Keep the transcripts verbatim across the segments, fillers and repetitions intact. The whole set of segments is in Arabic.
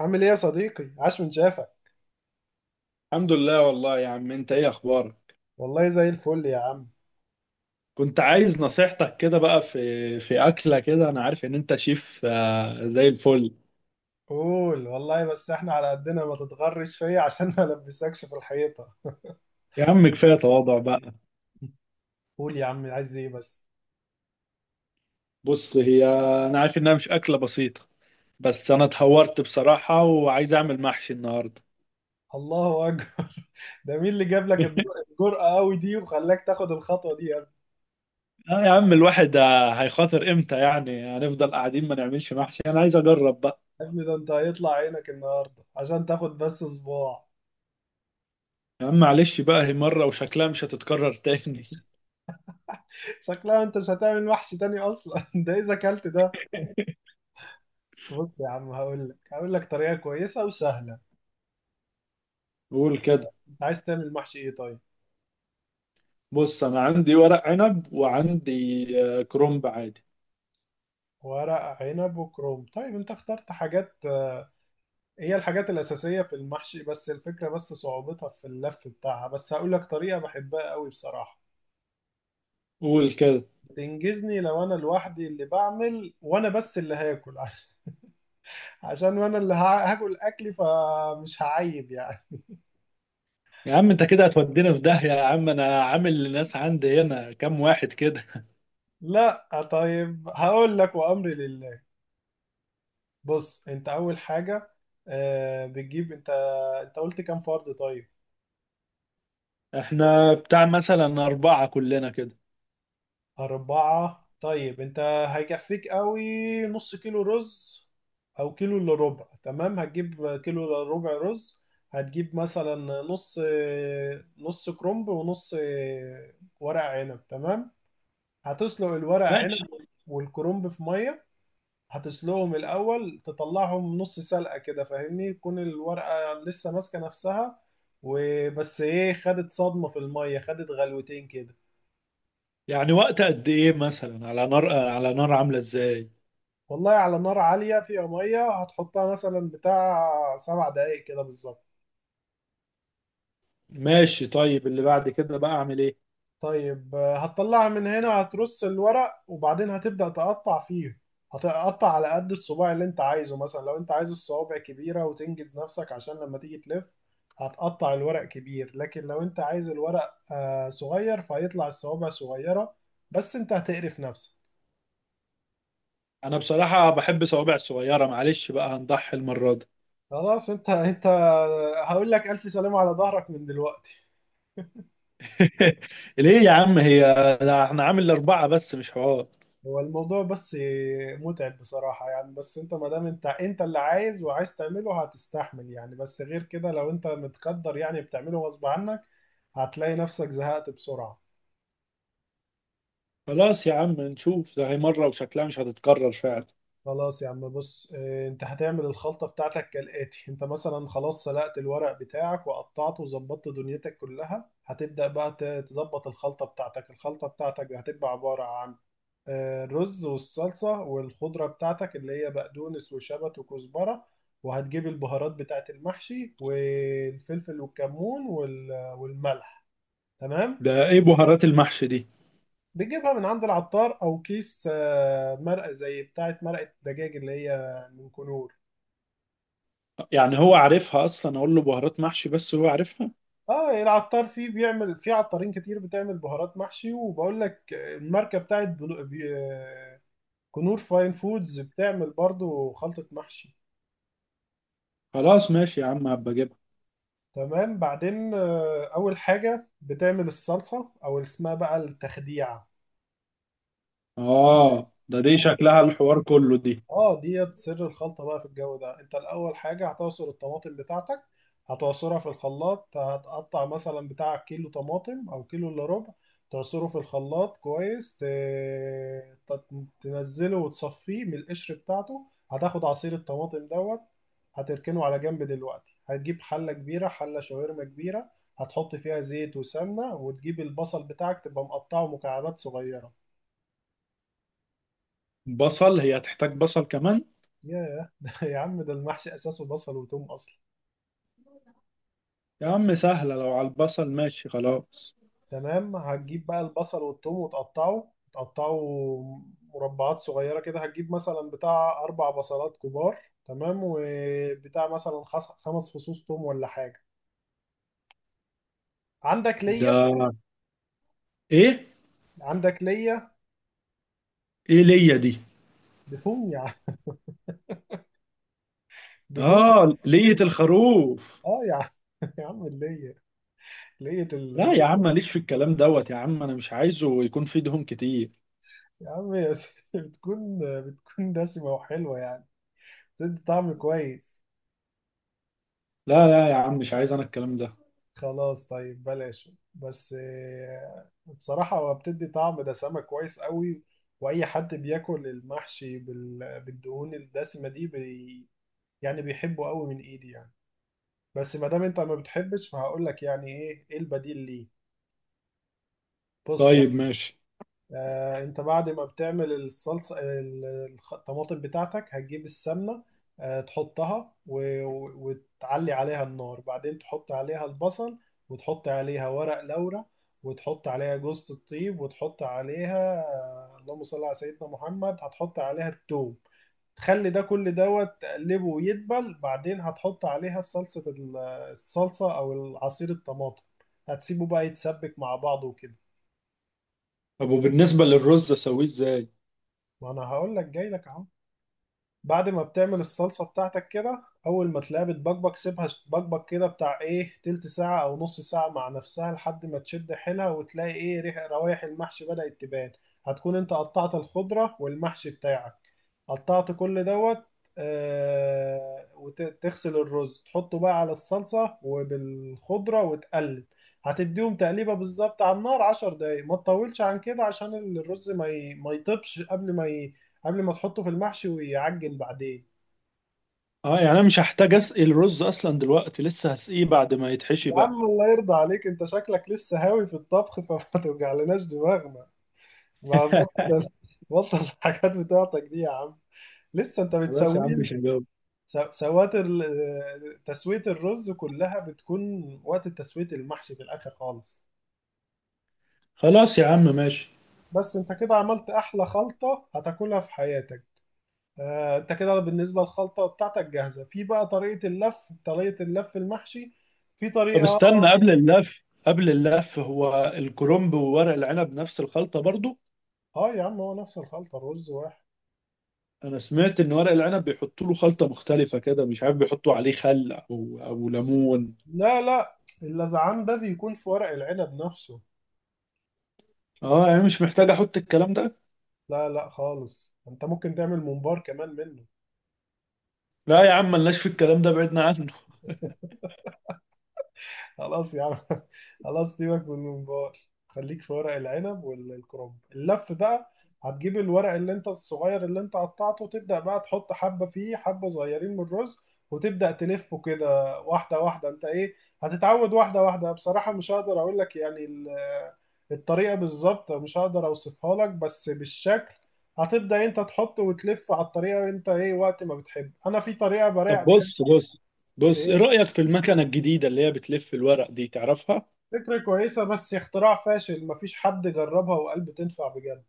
عامل ايه يا صديقي؟ عاش من شافك. الحمد لله والله يا عم، انت ايه اخبارك؟ والله زي الفل يا عم. كنت عايز نصيحتك كده بقى في في اكله كده. انا عارف ان انت شيف. آه، زي الفل قول والله، بس احنا على قدنا، ما تتغرش فيا عشان ما البسكش في الحيطة. يا عم، كفايه تواضع بقى. قول يا عم، عايز ايه بس؟ بص هي، انا عارف انها مش اكله بسيطه، بس انا اتهورت بصراحه وعايز اعمل محشي النهارده. الله اكبر! ده مين اللي جاب لك الد- الجرأة قوي دي وخلاك تاخد الخطوة دي يا ابني؟ اه يا عم الواحد، آه، هيخاطر امتى؟ يعني هنفضل قاعدين ما نعملش محشي؟ انا عايز اجرب بقى. يا ابني ده انت هيطلع عينك النهاردة عشان تاخد بس صباع. يا عم معلش بقى، هي مره وشكلها مش هتتكرر تاني. شكلها انت مش هتعمل محشي تاني اصلا ده اذا اكلت ده. بص يا عم، هقول لك هقول لك طريقة كويسة وسهلة. قول كده. انت عايز تعمل محشي ايه طيب؟ بص انا عندي ورق عنب وعندي، آه، كرنب عادي. ورق عنب وكروم، طيب انت اخترت حاجات. آه، هي الحاجات الأساسية في المحشي، بس الفكرة بس صعوبتها في اللف بتاعها، بس هقول لك طريقة بحبها قوي بصراحة. قول كده. تنجزني لو انا لوحدي اللي بعمل وانا بس اللي هاكل عشان وانا اللي ها- هاكل اكلي فمش هعيب يعني. يا عم انت كده هتودينا في داهية. يا عم انا عامل للناس عندي هنا كام واحد كده. لا طيب هقول لك، وامري لله. بص انت اول حاجة، آه، بتجيب انت، انت قلت كام فرد طيب؟ احنا بتاع مثلا اربعة كلنا كده. أربعة، طيب أنت هيكفيك قوي نص كيلو رز أو كيلو إلا ربع. تمام، هتجيب كيلو إلا ربع رز، هتجيب مثلا نص نص كرنب ونص ورق عنب. تمام. هتسلق الورق عنب ماشي. والكرنب في مية، هتسلقهم الأول، تطلعهم نص سلقة كده فاهمني؟ تكون الورقة لسه ماسكة نفسها وبس. إيه، خدت صدمة في المية، خدت غلوتين كده. يعني وقت قد ايه مثلا؟ على نار، على نار عاملة ازاي؟ والله على نار عالية، فيها مية هتحطها مثلا بتاع سبع دقايق كده بالظبط. ماشي، طيب اللي بعد كده بقى اعمل ايه؟ طيب آه، هتطلعها من هنا، هترص الورق، وبعدين هتبدأ تقطع فيه. هتقطع على قد الصباع اللي انت عايزه. مثلا لو انت عايز الصوابع كبيرة وتنجز نفسك عشان لما تيجي تلف هتقطع الورق كبير، لكن لو انت عايز الورق آه، صغير فهيطلع الصوابع صغيرة، بس انت هتقرف نفسك. انا بصراحة بحب صوابع صغيرة، معلش بقى هنضحي المرة دي. خلاص انت انت هقول لك ألف سلامة على ظهرك من دلوقتي. ليه يا عم؟ هي ده احنا عامل اربعة بس، مش حوار. هو الموضوع بس متعب بصراحة يعني، بس انت ما دام انت انت اللي عايز وعايز تعمله هتستحمل يعني، بس غير كده لو انت متقدر يعني بتعمله غصب عنك هتلاقي نفسك زهقت بسرعة. خلاص يا عم نشوف، ده هي مرة وشكلها مش هتتكرر فعلا. خلاص يا عم. بص اه، انت هتعمل الخلطة بتاعتك كالآتي. انت مثلا خلاص سلقت الورق بتاعك وقطعته وظبطت دنيتك كلها، هتبدأ بقى ت- تظبط الخلطة بتاعتك. الخلطة بتاعتك هتبقى عبارة عن آه، الرز والصلصة والخضرة بتاعتك اللي هي بقدونس وشبت وكزبرة، وهتجيب البهارات بتاعت المحشي والفلفل والكمون وال- والملح. تمام. ده ايه بهارات المحشي دي؟ بتجيبها من عند العطار او كيس آه، مرقة زي بتاعت مرقة دجاج اللي هي من كنور. يعني هو عارفها اصلا؟ اقول له بهارات محشي بس هو عارفها. اه العطار فيه، بيعمل فيه عطارين كتير بتعمل بهارات محشي، وبقول لك الماركة بتاعت بلو- بي- آه، كنور فاين فودز، بتعمل برضو خلطة محشي. خلاص ماشي يا عم، هبقى اجيبها. تمام. بعدين آه، أول حاجة بتعمل الصلصة أو اللي اسمها بقى التخديعة. اه ده دي سمت. شكلها الحوار كله دي. اه ديت سر الخلطة بقى في الجو ده. انت الأول حاجة هتعصر الطماطم بتاعتك، هتعصرها في الخلاط. هتقطع مثلا بتاع كيلو طماطم أو كيلو إلا ربع، تعصره في الخلاط كويس، ت... ت- تنزله وتصفيه من القشر بتاعته، هتاخد عصير الطماطم دوت. هتركنه على جنب. دلوقتي هتجيب حلة كبيرة، حلة شاورما كبيرة، هتحط فيها زيت وسمنة، وتجيب البصل بتاعك تبقى مقطعه مكعبات صغيرة. بصل؟ هي هتحتاج بصل كمان؟ ياه ده يا عم ده المحشي أساسه بصل وتوم أصلا. يا عم سهلة، لو على البصل ماشي خلاص. تمام، هتجيب بقى البصل والثوم وتقطعه تقطعه مربعات صغيرة كده. هتجيب مثلا بتاع أربع بصلات كبار. تمام، وبتاع مثلا خس- خمس فصوص ثوم ولا حاجة. عندك ليا؟ ده ايه؟ عندك ليا؟ ايه ليا دي؟ دهون يا عم، دهون. اه لية ليا. الخروف. اه يا عم يا عم اللية. لية ال- لا يا عم، لية. ماليش في الكلام دوت يا عم، انا مش عايزه يكون فيه دهون كتير. يا عم بتكون بتكون دسمة وحلوة يعني، بتدي طعم كويس. لا لا يا عم، مش عايز انا الكلام ده. خلاص طيب بلاش، بس آه، بصراحة هو بتدي طعم دسامة كويس قوي، وأي حد بياكل المحشي بال- بالدهون الدسمة دي بي يعني بيحبه قوي من إيدي يعني. بس ما دام أنت ما بتحبش فهقول لك يعني إيه، إيه البديل ليه. بص يعني طيب ماشي. آه، انت بعد ما بتعمل الصلصه ال- الخ- الطماطم بتاعتك، هتجيب السمنه آه، تحطها و- و- وتعلي عليها النار، بعدين تحط عليها البصل، وتحط عليها ورق لورا، وتحط عليها جوزة الطيب، وتحط عليها آه، اللهم صل على سيدنا محمد، هتحط عليها التوم. تخلي ده كل دوت، تقلبه ويدبل، بعدين هتحط عليها صلصة ال- الصلصة أو عصير الطماطم. هتسيبه بقى يتسبك مع بعضه وكده. طب وبالنسبة للرز اسويه ازاي؟ ما أنا هقول لك جاي لك أهو. بعد ما بتعمل الصلصة بتاعتك كده، أول ما تلاقيها بتبقبق سيبها تبقبق كده بتاع إيه تلت ساعة أو نص ساعة مع نفسها، لحد ما تشد حيلها وتلاقي إيه، ريح روايح المحشي بدأت تبان. هتكون أنت قطعت الخضرة والمحشي بتاعك، قطعت كل دوت. آه، وتغسل الرز تحطه بقى على الصلصة وبالخضرة وتقلب. هتديهم تقليبة بالظبط على النار عشر دقايق، ما تطولش عن كده عشان الرز ما ي- ما يطيبش قبل ما ي... قبل ما تحطه في المحشي ويعجن بعدين. اه يعني انا مش هحتاج اسقي الرز اصلا دلوقتي؟ لسه هسقيه بعد ما يتحشي يا بقى؟ عم الله يرضى عليك، انت شكلك لسه هاوي في الطبخ فما توجعلناش دماغنا. ما بطل، بطل الحاجات بتاعتك دي يا عم. لسه انت خلاص يا عم بتسويه. مش هجاوب. س- سوات ال- تسوية الرز كلها بتكون وقت تسوية المحشي في الآخر خالص. خلاص يا عم ماشي. بس انت كده عملت أحلى خلطة هتاكلها في حياتك. آه، انت كده بالنسبة للخلطة بتاعتك جاهزة، في بقى طريقة اللف، طريقة اللف المحشي في طب طريقة. استنى، قبل اللف، قبل اللف هو الكرنب وورق العنب نفس الخلطة برضو؟ اه يا عم هو نفس الخلطة رز واحد انا سمعت ان ورق العنب بيحطوا له خلطة مختلفة كده، مش عارف، بيحطوا عليه خل او او ليمون. لا لا اللذعان ده بيكون في ورق العنب نفسه اه يعني مش محتاج احط الكلام ده. لا لا خالص انت ممكن تعمل ممبار كمان منه لا يا عم، ملناش في الكلام ده، بعدنا عنه. خلاص يا عم خلاص سيبك من الممبار خليك في ورق العنب والكرنب اللف بقى هتجيب الورق اللي انت الصغير اللي انت قطعته تبدأ بقى تحط حبة فيه حبة صغيرين من الرز وتبدأ تلفه كده واحدة واحدة انت ايه هتتعود واحدة واحدة بصراحة مش هقدر اقول لك يعني ال- الطريقة بالظبط مش هقدر اوصفها لك بس بالشكل هتبدأ انت تحط وتلف على الطريقة انت ايه وقت ما بتحب انا في طريقة طب براع بحب بص بص. بص ايه ايه، رأيك في المكنة الجديدة اللي هي بتلف الورق دي، تعرفها؟ فكرة كويسة بس اختراع فاشل، مفيش حد جربها وقال بتنفع بجد.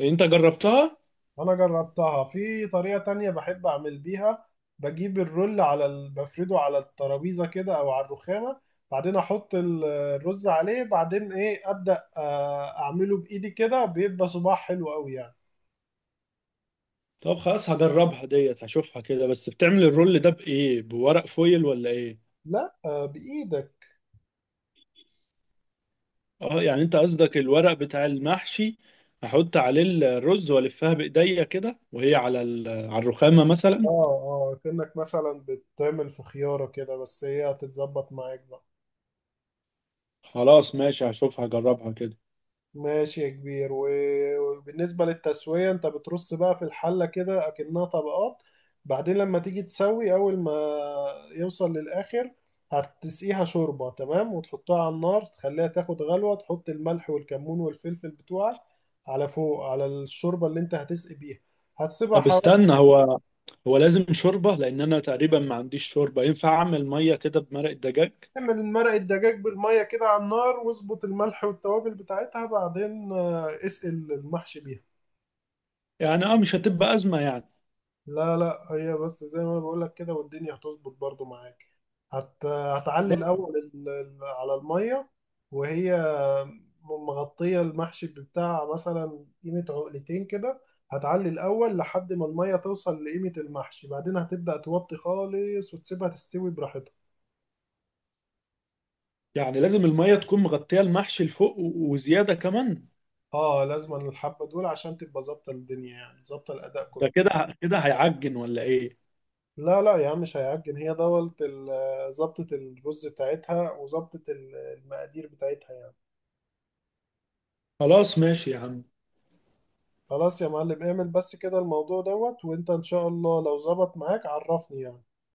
انت جربتها؟ أنا جربتها في طريقة تانية بحب أعمل بيها. بجيب الرول على ال... بفرده على الترابيزة كده أو على الرخامة، بعدين أحط ال- الرز عليه، بعدين إيه أبدأ آه، أعمله بإيدي كده بيبقى صباع حلو أوي يعني. طب خلاص هجربها ديت، هشوفها كده. بس بتعمل الرول ده بإيه، بورق فويل ولا إيه؟ لا آه، بإيدك. اه يعني انت قصدك الورق بتاع المحشي، احط عليه الرز والفها بايديا كده وهي على ال- على الرخامة آه، مثلا. آه كأنك مثلا بتعمل في خيارة كده، بس هي هتتظبط معاك بقى. خلاص ماشي، هشوفها هجربها كده. ماشي يا كبير. و- وبالنسبة للتسوية انت بترص بقى في الحلة كده اكنها طبقات، بعدين لما تيجي تسوي اول ما يوصل للاخر هتسقيها شوربة. تمام، وتحطها على النار تخليها تاخد غلوة، تحط الملح والكمون والفلفل بتوعك على فوق على الشوربة اللي انت هتسقي بيها، هتسيبها طب حوالي. استنى، هو هو لازم شوربة؟ لان انا تقريبا ما عنديش شوربة، ينفع اعمل مية كده بمرق الدجاج؟ تعمل مرقة دجاج بالمية كده على النار، واظبط الملح والتوابل بتاعتها، بعدين آه، اسقي المحشي بيها. يعني اه مش هتبقى أزمة يعني. لا لا هي بس زي ما انا بقول لك كده والدنيا هتظبط برضو معاك. هت... هتعلي تمام. الاول ال... ال- على الميه، وهي مغطيه المحشي بتاع مثلا قيمه عقلتين كده. هتعلي الاول لحد ما الميه توصل لقيمه المحشي، بعدين هتبدا توطي خالص وتسيبها تستوي براحتها. يعني لازم المية تكون مغطية المحشي لفوق و- وزيادة كمان؟ اه لازم، الحبه دول عشان تبقى ظابطه الدنيا، يعني ظابطه طب الاداء كله. ده كده كده هيعجن ولا ايه؟ لا لا يا عم مش هيعجن، هي دوت ال- ظبطه الرز بتاعتها وظبطه ال- المقادير بتاعتها يعني. خلاص ماشي يا عم. خلاص يا معلم، اعمل بس كده الموضوع دوت، وانت ان شاء الله لو ظبط معاك عرفني يعني.